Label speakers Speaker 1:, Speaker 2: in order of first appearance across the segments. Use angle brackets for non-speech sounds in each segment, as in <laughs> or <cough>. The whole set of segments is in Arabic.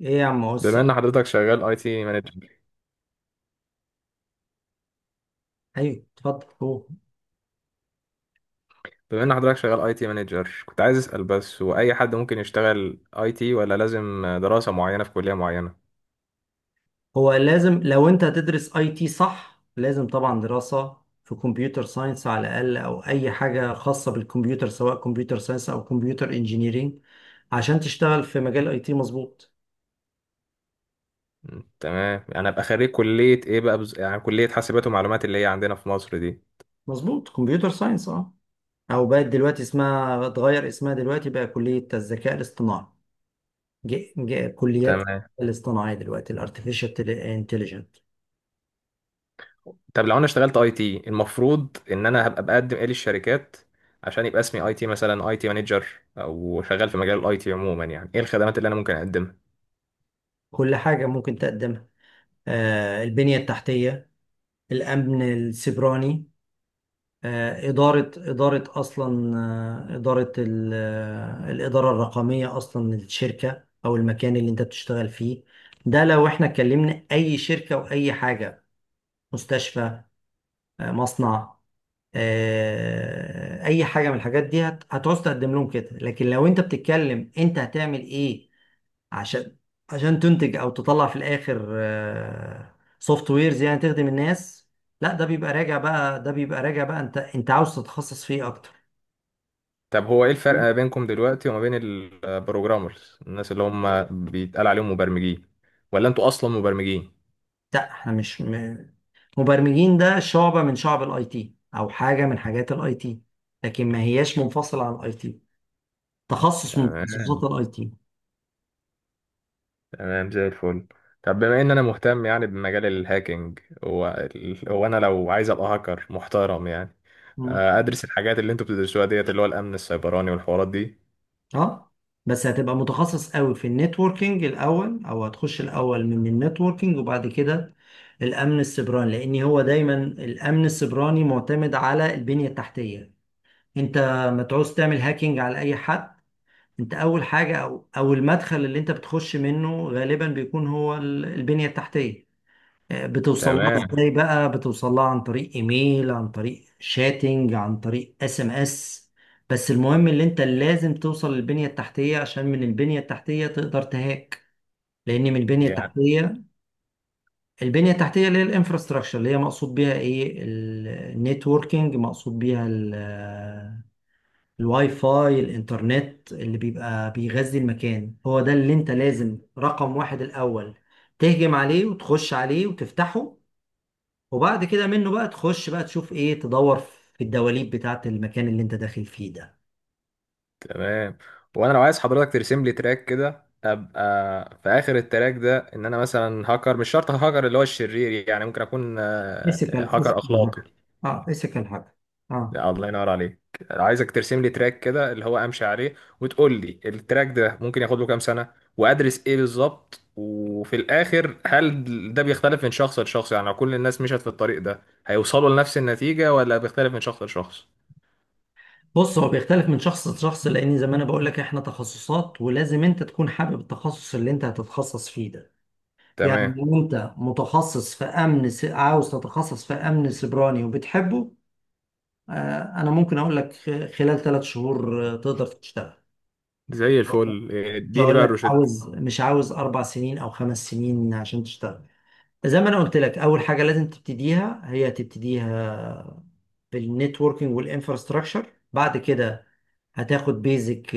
Speaker 1: ايه يا عم بص.
Speaker 2: بما ان حضرتك شغال اي تي مانجر
Speaker 1: ايوه اتفضل. هو
Speaker 2: بما ان حضرتك شغال اي تي مانجر كنت عايز اسال بس هو اي حد ممكن يشتغل اي تي ولا لازم دراسه معينه في كليه معينه؟
Speaker 1: هو لازم، لو انت هتدرس اي تي، صح، لازم طبعا دراسة في كمبيوتر ساينس على الاقل، او اي حاجة خاصة بالكمبيوتر، سواء كمبيوتر ساينس او كمبيوتر انجينيرينج، عشان تشتغل في مجال اي تي. مظبوط
Speaker 2: تمام، انا ابقى خريج كليه ايه بقى يعني كليه حاسبات ومعلومات اللي هي عندنا في مصر دي.
Speaker 1: مظبوط كمبيوتر ساينس اه. او بقت دلوقتي اسمها، اتغير اسمها دلوقتي، بقى كلية الذكاء الاصطناعي. كليات
Speaker 2: تمام.
Speaker 1: الاصطناعي دلوقتي، الارتفيشال انتليجنت.
Speaker 2: طب لو انا اشتغلت اي تي المفروض ان انا هبقى بقدم ايه للشركات عشان يبقى اسمي اي تي، مثلا اي تي مانجر، او شغال في مجال الاي تي عموما؟ يعني ايه الخدمات اللي انا ممكن اقدمها؟
Speaker 1: كل حاجة ممكن تقدمها، آه البنية التحتية، الأمن السيبراني، إدارة أصلا، آه، إدارة ال- آه، الإدارة الرقمية أصلا للشركة أو المكان اللي أنت بتشتغل فيه. ده لو إحنا اتكلمنا أي شركة وأي حاجة، مستشفى، مصنع، أي حاجة من الحاجات دي هتعوز تقدم لهم كده. لكن لو أنت بتتكلم أنت هتعمل إيه عشان تنتج او تطلع في الاخر سوفت ويرز، يعني تخدم الناس. لا ده بيبقى راجع بقى، انت عاوز تتخصص فيه اكتر.
Speaker 2: طب هو ايه الفرق ما بينكم دلوقتي وما بين البروجرامرز، الناس اللي هم بيتقال عليهم مبرمجين؟ ولا انتوا اصلا مبرمجين؟
Speaker 1: لا احنا مش مبرمجين. ده شعبة من شعب الاي تي، او حاجة من حاجات الاي تي، لكن ما هياش منفصلة عن الاي تي. تخصص من
Speaker 2: تمام.
Speaker 1: تخصصات الاي تي.
Speaker 2: تمام زي الفل. طب بما ان انا مهتم يعني بمجال الهاكينج، هو هو انا لو عايز ابقى هاكر محترم يعني، ادرس الحاجات اللي انتوا بتدرسوها ديت، اللي هو الامن السيبراني والحوارات دي؟
Speaker 1: اه، بس هتبقى متخصص قوي في النتوركينج الاول، او هتخش الاول من النتوركينج وبعد كده الامن السيبراني، لان هو دايما الامن السيبراني معتمد على البنية التحتية. انت ما تعوز تعمل هاكينج على اي حد. انت اول حاجة، او المدخل اللي انت بتخش منه غالبا بيكون هو البنية التحتية. بتوصل لها
Speaker 2: تمام.
Speaker 1: ازاي بقى؟ بتوصل لها عن طريق ايميل، عن طريق شاتنج، عن طريق اس ام اس. بس المهم اللي انت لازم توصل للبنية التحتية، عشان من البنية التحتية تقدر تهاك. لان من البنية
Speaker 2: يعني
Speaker 1: التحتية، البنية التحتية اللي هي الانفراستراكشر، اللي هي مقصود بيها ايه؟ النتوركينج. مقصود بيها الواي فاي، الانترنت اللي بيبقى بيغذي المكان، هو ده اللي انت لازم رقم واحد الاول تهجم عليه وتخش عليه وتفتحه. وبعد كده منه بقى تخش بقى تشوف ايه، تدور في الدواليب بتاعة المكان اللي انت داخل فيه ده.
Speaker 2: تمام. وانا لو عايز حضرتك ترسم لي تراك كده، ابقى في اخر التراك ده ان انا مثلا هاكر، مش شرط هاكر اللي هو الشرير يعني، ممكن اكون هاكر
Speaker 1: فيزيكال
Speaker 2: اخلاقي.
Speaker 1: هاكر. اه فيزيكال هاكر، اه.
Speaker 2: لا الله ينور عليك. عايزك ترسم لي تراك كده اللي هو امشي عليه، وتقول لي التراك ده ممكن ياخد له كام سنة، وادرس ايه بالظبط، وفي الاخر هل ده بيختلف من شخص لشخص؟ يعني لو كل الناس مشت في الطريق ده هيوصلوا لنفس النتيجة، ولا بيختلف من شخص لشخص؟
Speaker 1: بص، هو بيختلف من شخص لشخص، لان زي ما انا بقول لك احنا تخصصات، ولازم انت تكون حابب التخصص اللي انت هتتخصص فيه ده. يعني
Speaker 2: تمام
Speaker 1: لو انت متخصص في عاوز تتخصص في امن سيبراني وبتحبه، آه، انا ممكن اقول لك خلال ثلاث شهور تقدر تشتغل.
Speaker 2: زي الفل،
Speaker 1: مش
Speaker 2: اديني
Speaker 1: هقول
Speaker 2: بقى
Speaker 1: لك
Speaker 2: الروشتة.
Speaker 1: عاوز، مش عاوز اربع سنين او خمس سنين عشان تشتغل. زي ما انا قلت لك اول حاجه لازم تبتديها، هي تبتديها بالنتوركينج والانفراستراكشر. بعد كده هتاخد بيزك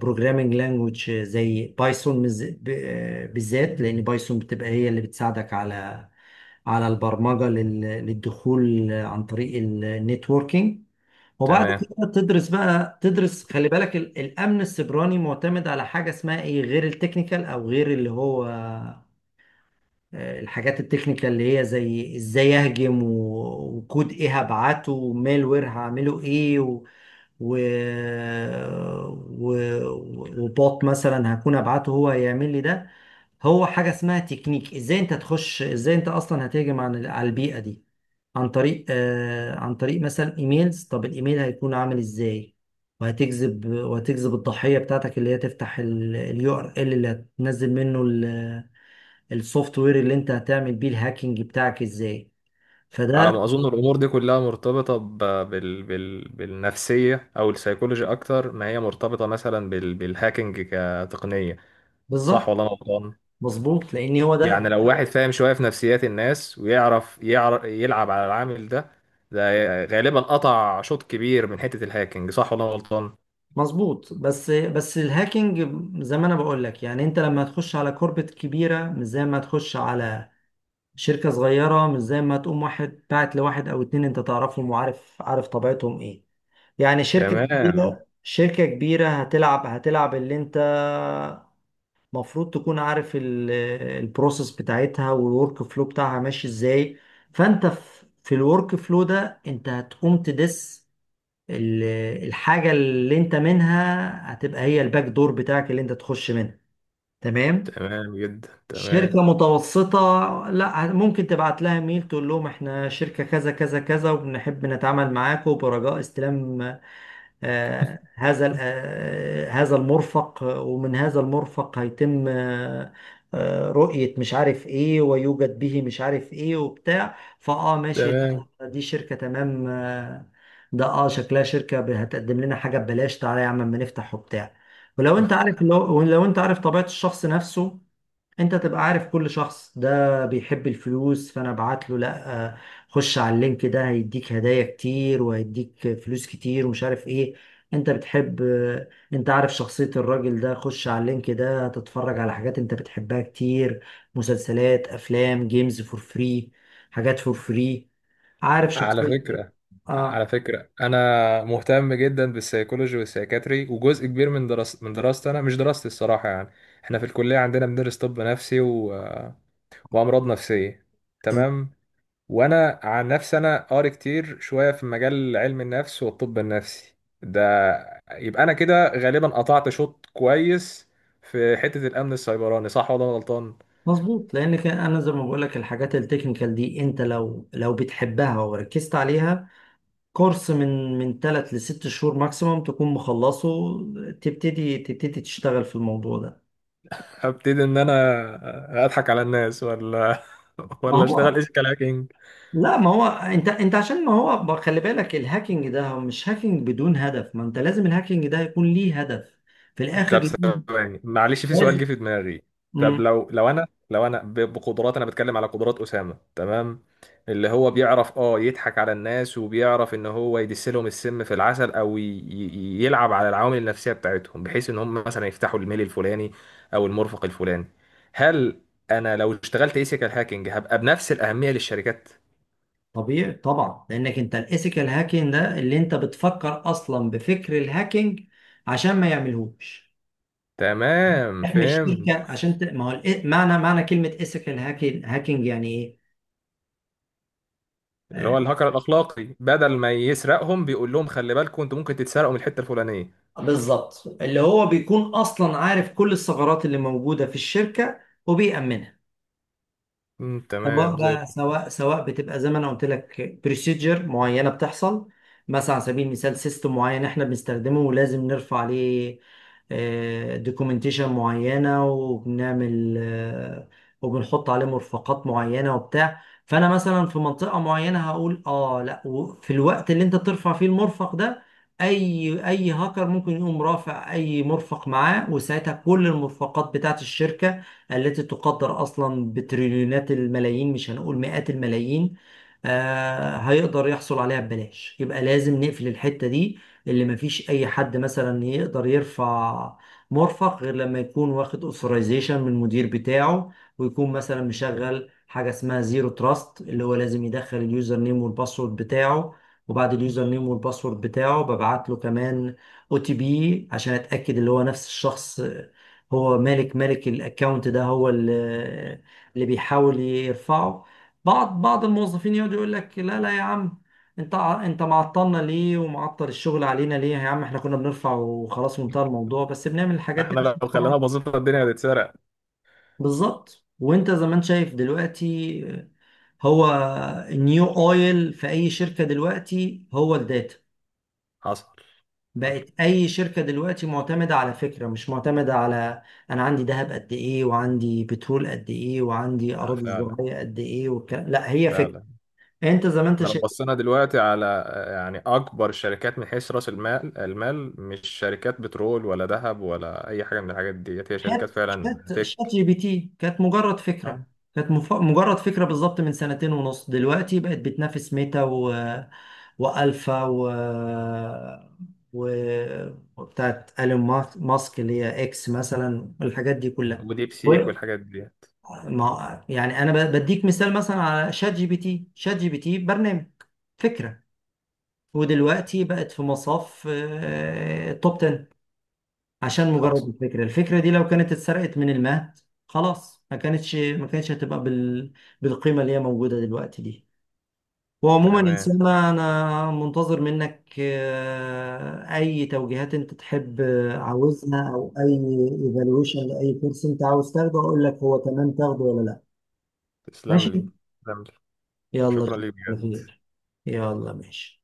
Speaker 1: بروجرامينج لانجوج زي بايثون، بالذات لان بايثون بتبقى هي اللي بتساعدك على على البرمجه للدخول عن طريق النتوركينج. وبعد
Speaker 2: تمام.
Speaker 1: كده تدرس بقى، تدرس، خلي بالك الامن السيبراني معتمد على حاجه اسمها ايه غير التكنيكال، او غير اللي هو الحاجات التكنيكال اللي هي زي ازاي اهجم وكود ايه هبعته، ومالوير هعمله ايه، و... و... و... وبوت مثلا هكون ابعته هو هيعمل لي ده. هو حاجة اسمها تكنيك، ازاي انت تخش، ازاي انت اصلا هتهجم على البيئة دي. عن طريق آه عن طريق مثلا ايميلز. طب الايميل هيكون عامل ازاي، وهتجذب الضحية بتاعتك اللي هي تفتح اليو ار ال URL اللي هتنزل منه السوفت وير اللي انت هتعمل بيه الهاكينج بتاعك ازاي.
Speaker 2: على
Speaker 1: فده.
Speaker 2: ما اظن الامور دي كلها مرتبطه بالنفسيه او السيكولوجي، اكتر ما هي مرتبطه مثلا بالهاكينج كتقنيه. صح
Speaker 1: بالظبط.
Speaker 2: ولا انا غلطان؟
Speaker 1: مظبوط لان هو
Speaker 2: يعني
Speaker 1: ده.
Speaker 2: لو واحد فاهم شويه في نفسيات الناس، ويعرف يلعب على العامل ده، ده غالبا قطع شوط كبير من حته الهاكينج. صح ولا انا غلطان؟
Speaker 1: مظبوط، بس الهاكينج زي ما انا بقول لك، يعني انت لما تخش على كوربت كبيره مش زي ما تخش على شركه صغيره، مش زي ما تقوم واحد باعت لواحد او اتنين انت تعرفهم وعارف طبيعتهم ايه. يعني شركه
Speaker 2: تمام
Speaker 1: كبيره، هتلعب اللي انت مفروض تكون عارف البروسيس بتاعتها والورك فلو بتاعها ماشي ازاي. فانت في الورك فلو ده انت هتقوم تدس ال- الحاجة اللي انت منها هتبقى هي الباك دور بتاعك اللي انت تخش منها. تمام.
Speaker 2: تمام جدا تمام
Speaker 1: شركة متوسطة، لا ممكن تبعت لها ميل تقول لهم احنا شركة كذا كذا كذا وبنحب نتعامل معاكم، برجاء استلام هذا المرفق، ومن هذا المرفق هيتم رؤية مش عارف ايه، ويوجد به مش عارف ايه وبتاع، فاه ماشي
Speaker 2: تمام
Speaker 1: لا دي شركة تمام، ده اه شكلها شركة هتقدم لنا حاجة ببلاش، تعالى يا عم اما نفتح وبتاع. ولو انت عارف، لو انت عارف طبيعة الشخص نفسه، انت تبقى عارف كل شخص ده بيحب الفلوس، فانا ابعت له لا، خش على اللينك ده هيديك هدايا كتير وهيديك فلوس كتير ومش عارف ايه. انت بتحب، انت عارف شخصية الراجل ده، خش على اللينك ده تتفرج على حاجات انت بتحبها كتير، مسلسلات افلام جيمز فور فري، حاجات فور فري. عارف
Speaker 2: على
Speaker 1: شخصية.
Speaker 2: فكرة،
Speaker 1: اه.
Speaker 2: أنا مهتم جدا بالسيكولوجي والسيكاتري، وجزء كبير من دراسة من دراستي، أنا مش دراستي الصراحة يعني، إحنا في الكلية عندنا بندرس طب نفسي وأمراض نفسية.
Speaker 1: تمام.
Speaker 2: تمام. وأنا عن نفسي أنا قاري كتير شوية في مجال علم النفس والطب النفسي ده. يبقى أنا كده غالبا قطعت شوط كويس في حتة الأمن السيبراني، صح ولا أنا غلطان؟
Speaker 1: مظبوط لان كان انا زي ما بقول لك الحاجات التكنيكال دي انت لو بتحبها وركزت عليها، كورس من ثلاث لست شهور ماكسيموم تكون مخلصه، تبتدي تشتغل في الموضوع ده.
Speaker 2: هبتدي إن أنا أضحك على الناس، ولا <laughs>
Speaker 1: ما
Speaker 2: ولا أشتغل
Speaker 1: هو
Speaker 2: إيش كلاكينج؟
Speaker 1: لا، ما هو انت عشان ما هو خلي بالك الهاكينج ده هو مش هاكينج بدون هدف، ما انت لازم الهاكينج ده يكون ليه هدف في الاخر،
Speaker 2: طب
Speaker 1: لازم
Speaker 2: ثواني معلش، في سؤال
Speaker 1: لازم-
Speaker 2: جه في دماغي. طب
Speaker 1: مم.
Speaker 2: بقدرات، انا بتكلم على قدرات اسامه، تمام، اللي هو بيعرف اه يضحك على الناس، وبيعرف ان هو يدس لهم السم في العسل، او يلعب على العوامل النفسيه بتاعتهم، بحيث ان هم مثلا يفتحوا الميل الفلاني او المرفق الفلاني. هل انا لو اشتغلت ايثيكال هاكينج هبقى بنفس الاهميه للشركات؟
Speaker 1: طبيعي طبعا، لانك انت الايثيكال هاكينج ده اللي انت بتفكر اصلا بفكر الهاكينج عشان ما يعملهوش.
Speaker 2: تمام،
Speaker 1: احمي
Speaker 2: فهمت.
Speaker 1: الشركه عشان ما هو معنى كلمه ايثيكال هاكينج، هاكينج يعني ايه؟
Speaker 2: اللي
Speaker 1: آه،
Speaker 2: هو الهاكر الاخلاقي بدل ما يسرقهم، بيقول لهم خلي بالكم انتوا ممكن تتسرقوا من الحته الفلانيه.
Speaker 1: بالظبط، اللي هو بيكون اصلا عارف كل الثغرات اللي موجودة في الشركة وبيأمنها. سواء
Speaker 2: تمام زي
Speaker 1: بقى،
Speaker 2: الفل.
Speaker 1: سواء بتبقى زي ما انا قلت لك بروسيجر معينه بتحصل، مثلا على سبيل المثال سيستم معين احنا بنستخدمه، ولازم نرفع عليه دوكيومنتيشن معينه، وبنعمل وبنحط عليه مرفقات معينه وبتاع، فانا مثلا في منطقه معينه هقول اه لا، وفي الوقت اللي انت بترفع فيه المرفق ده اي هاكر ممكن يقوم رافع اي مرفق معاه، وساعتها كل المرفقات بتاعت الشركه التي تقدر أصلا بتريليونات الملايين، مش هنقول مئات الملايين، هيقدر يحصل عليها ببلاش. يبقى لازم نقفل الحتة دي اللي مفيش أي حد مثلا يقدر يرفع مرفق غير لما يكون واخد اوثرايزيشن من المدير بتاعه، ويكون مثلا مشغل حاجة اسمها زيرو تراست اللي هو لازم يدخل اليوزر نيم والباسورد بتاعه، وبعد اليوزر نيم والباسورد بتاعه ببعت له كمان او تي بي عشان اتاكد اللي هو نفس الشخص هو مالك الاكونت ده، هو اللي بيحاول يرفعه. بعض الموظفين يقعد يقول لك لا لا يا عم، انت انت معطلنا ليه، ومعطل الشغل علينا ليه يا عم، احنا كنا بنرفع وخلاص وانتهى الموضوع. بس بنعمل الحاجات دي
Speaker 2: احنا
Speaker 1: عشان
Speaker 2: لو خلينا
Speaker 1: طبعا.
Speaker 2: بسيطة الدنيا هتتسرق.
Speaker 1: بالظبط. وانت زي ما انت شايف دلوقتي، هو النيو اويل في اي شركة دلوقتي هو الداتا.
Speaker 2: حصل. حصل.
Speaker 1: بقت اي شركه دلوقتي معتمده على فكره، مش معتمده على انا عندي ذهب قد ايه وعندي بترول قد ايه وعندي اراضي
Speaker 2: فعلا،
Speaker 1: زراعيه قد ايه والكلام. لا، هي فكره.
Speaker 2: فعلا.
Speaker 1: انت زي ما انت
Speaker 2: احنا لو
Speaker 1: شايف،
Speaker 2: بصينا دلوقتي على، يعني اكبر الشركات من حيث راس المال المال، مش شركات بترول ولا ذهب ولا اي حاجة من الحاجات ديت، هي شركات فعلا
Speaker 1: شات
Speaker 2: تك.
Speaker 1: جي بي تي كانت مجرد
Speaker 2: آه،
Speaker 1: فكره، كانت مجرد فكره بالظبط، من سنتين ونص دلوقتي بقت بتنافس ميتا و... والفا و و وبتاعت ايلون ماسك اللي هي اكس مثلا، الحاجات دي كلها.
Speaker 2: وديب سيك والحاجات ديت.
Speaker 1: ما يعني انا بديك مثال مثلا على شات جي بي تي، شات جي بي تي برنامج، فكره، ودلوقتي بقت في مصاف آه، توب 10، عشان مجرد
Speaker 2: حصل.
Speaker 1: الفكره. الفكره دي لو كانت اتسرقت من المهد خلاص ما كانتش، هتبقى بالقيمه اللي هي موجوده دلوقتي دي. وعموما يا
Speaker 2: تمام.
Speaker 1: سلمى انا منتظر منك اي توجيهات انت تحب عاوزها، او اي ايفالويشن لاي كورس انت عاوز تاخده، اقول لك هو تمام تاخده ولا لا.
Speaker 2: تسلم لي،
Speaker 1: ماشي.
Speaker 2: تسلم لي.
Speaker 1: يلا
Speaker 2: شكرا
Speaker 1: اشوفك
Speaker 2: ليك
Speaker 1: على
Speaker 2: بجد.
Speaker 1: خير. يلا ماشي.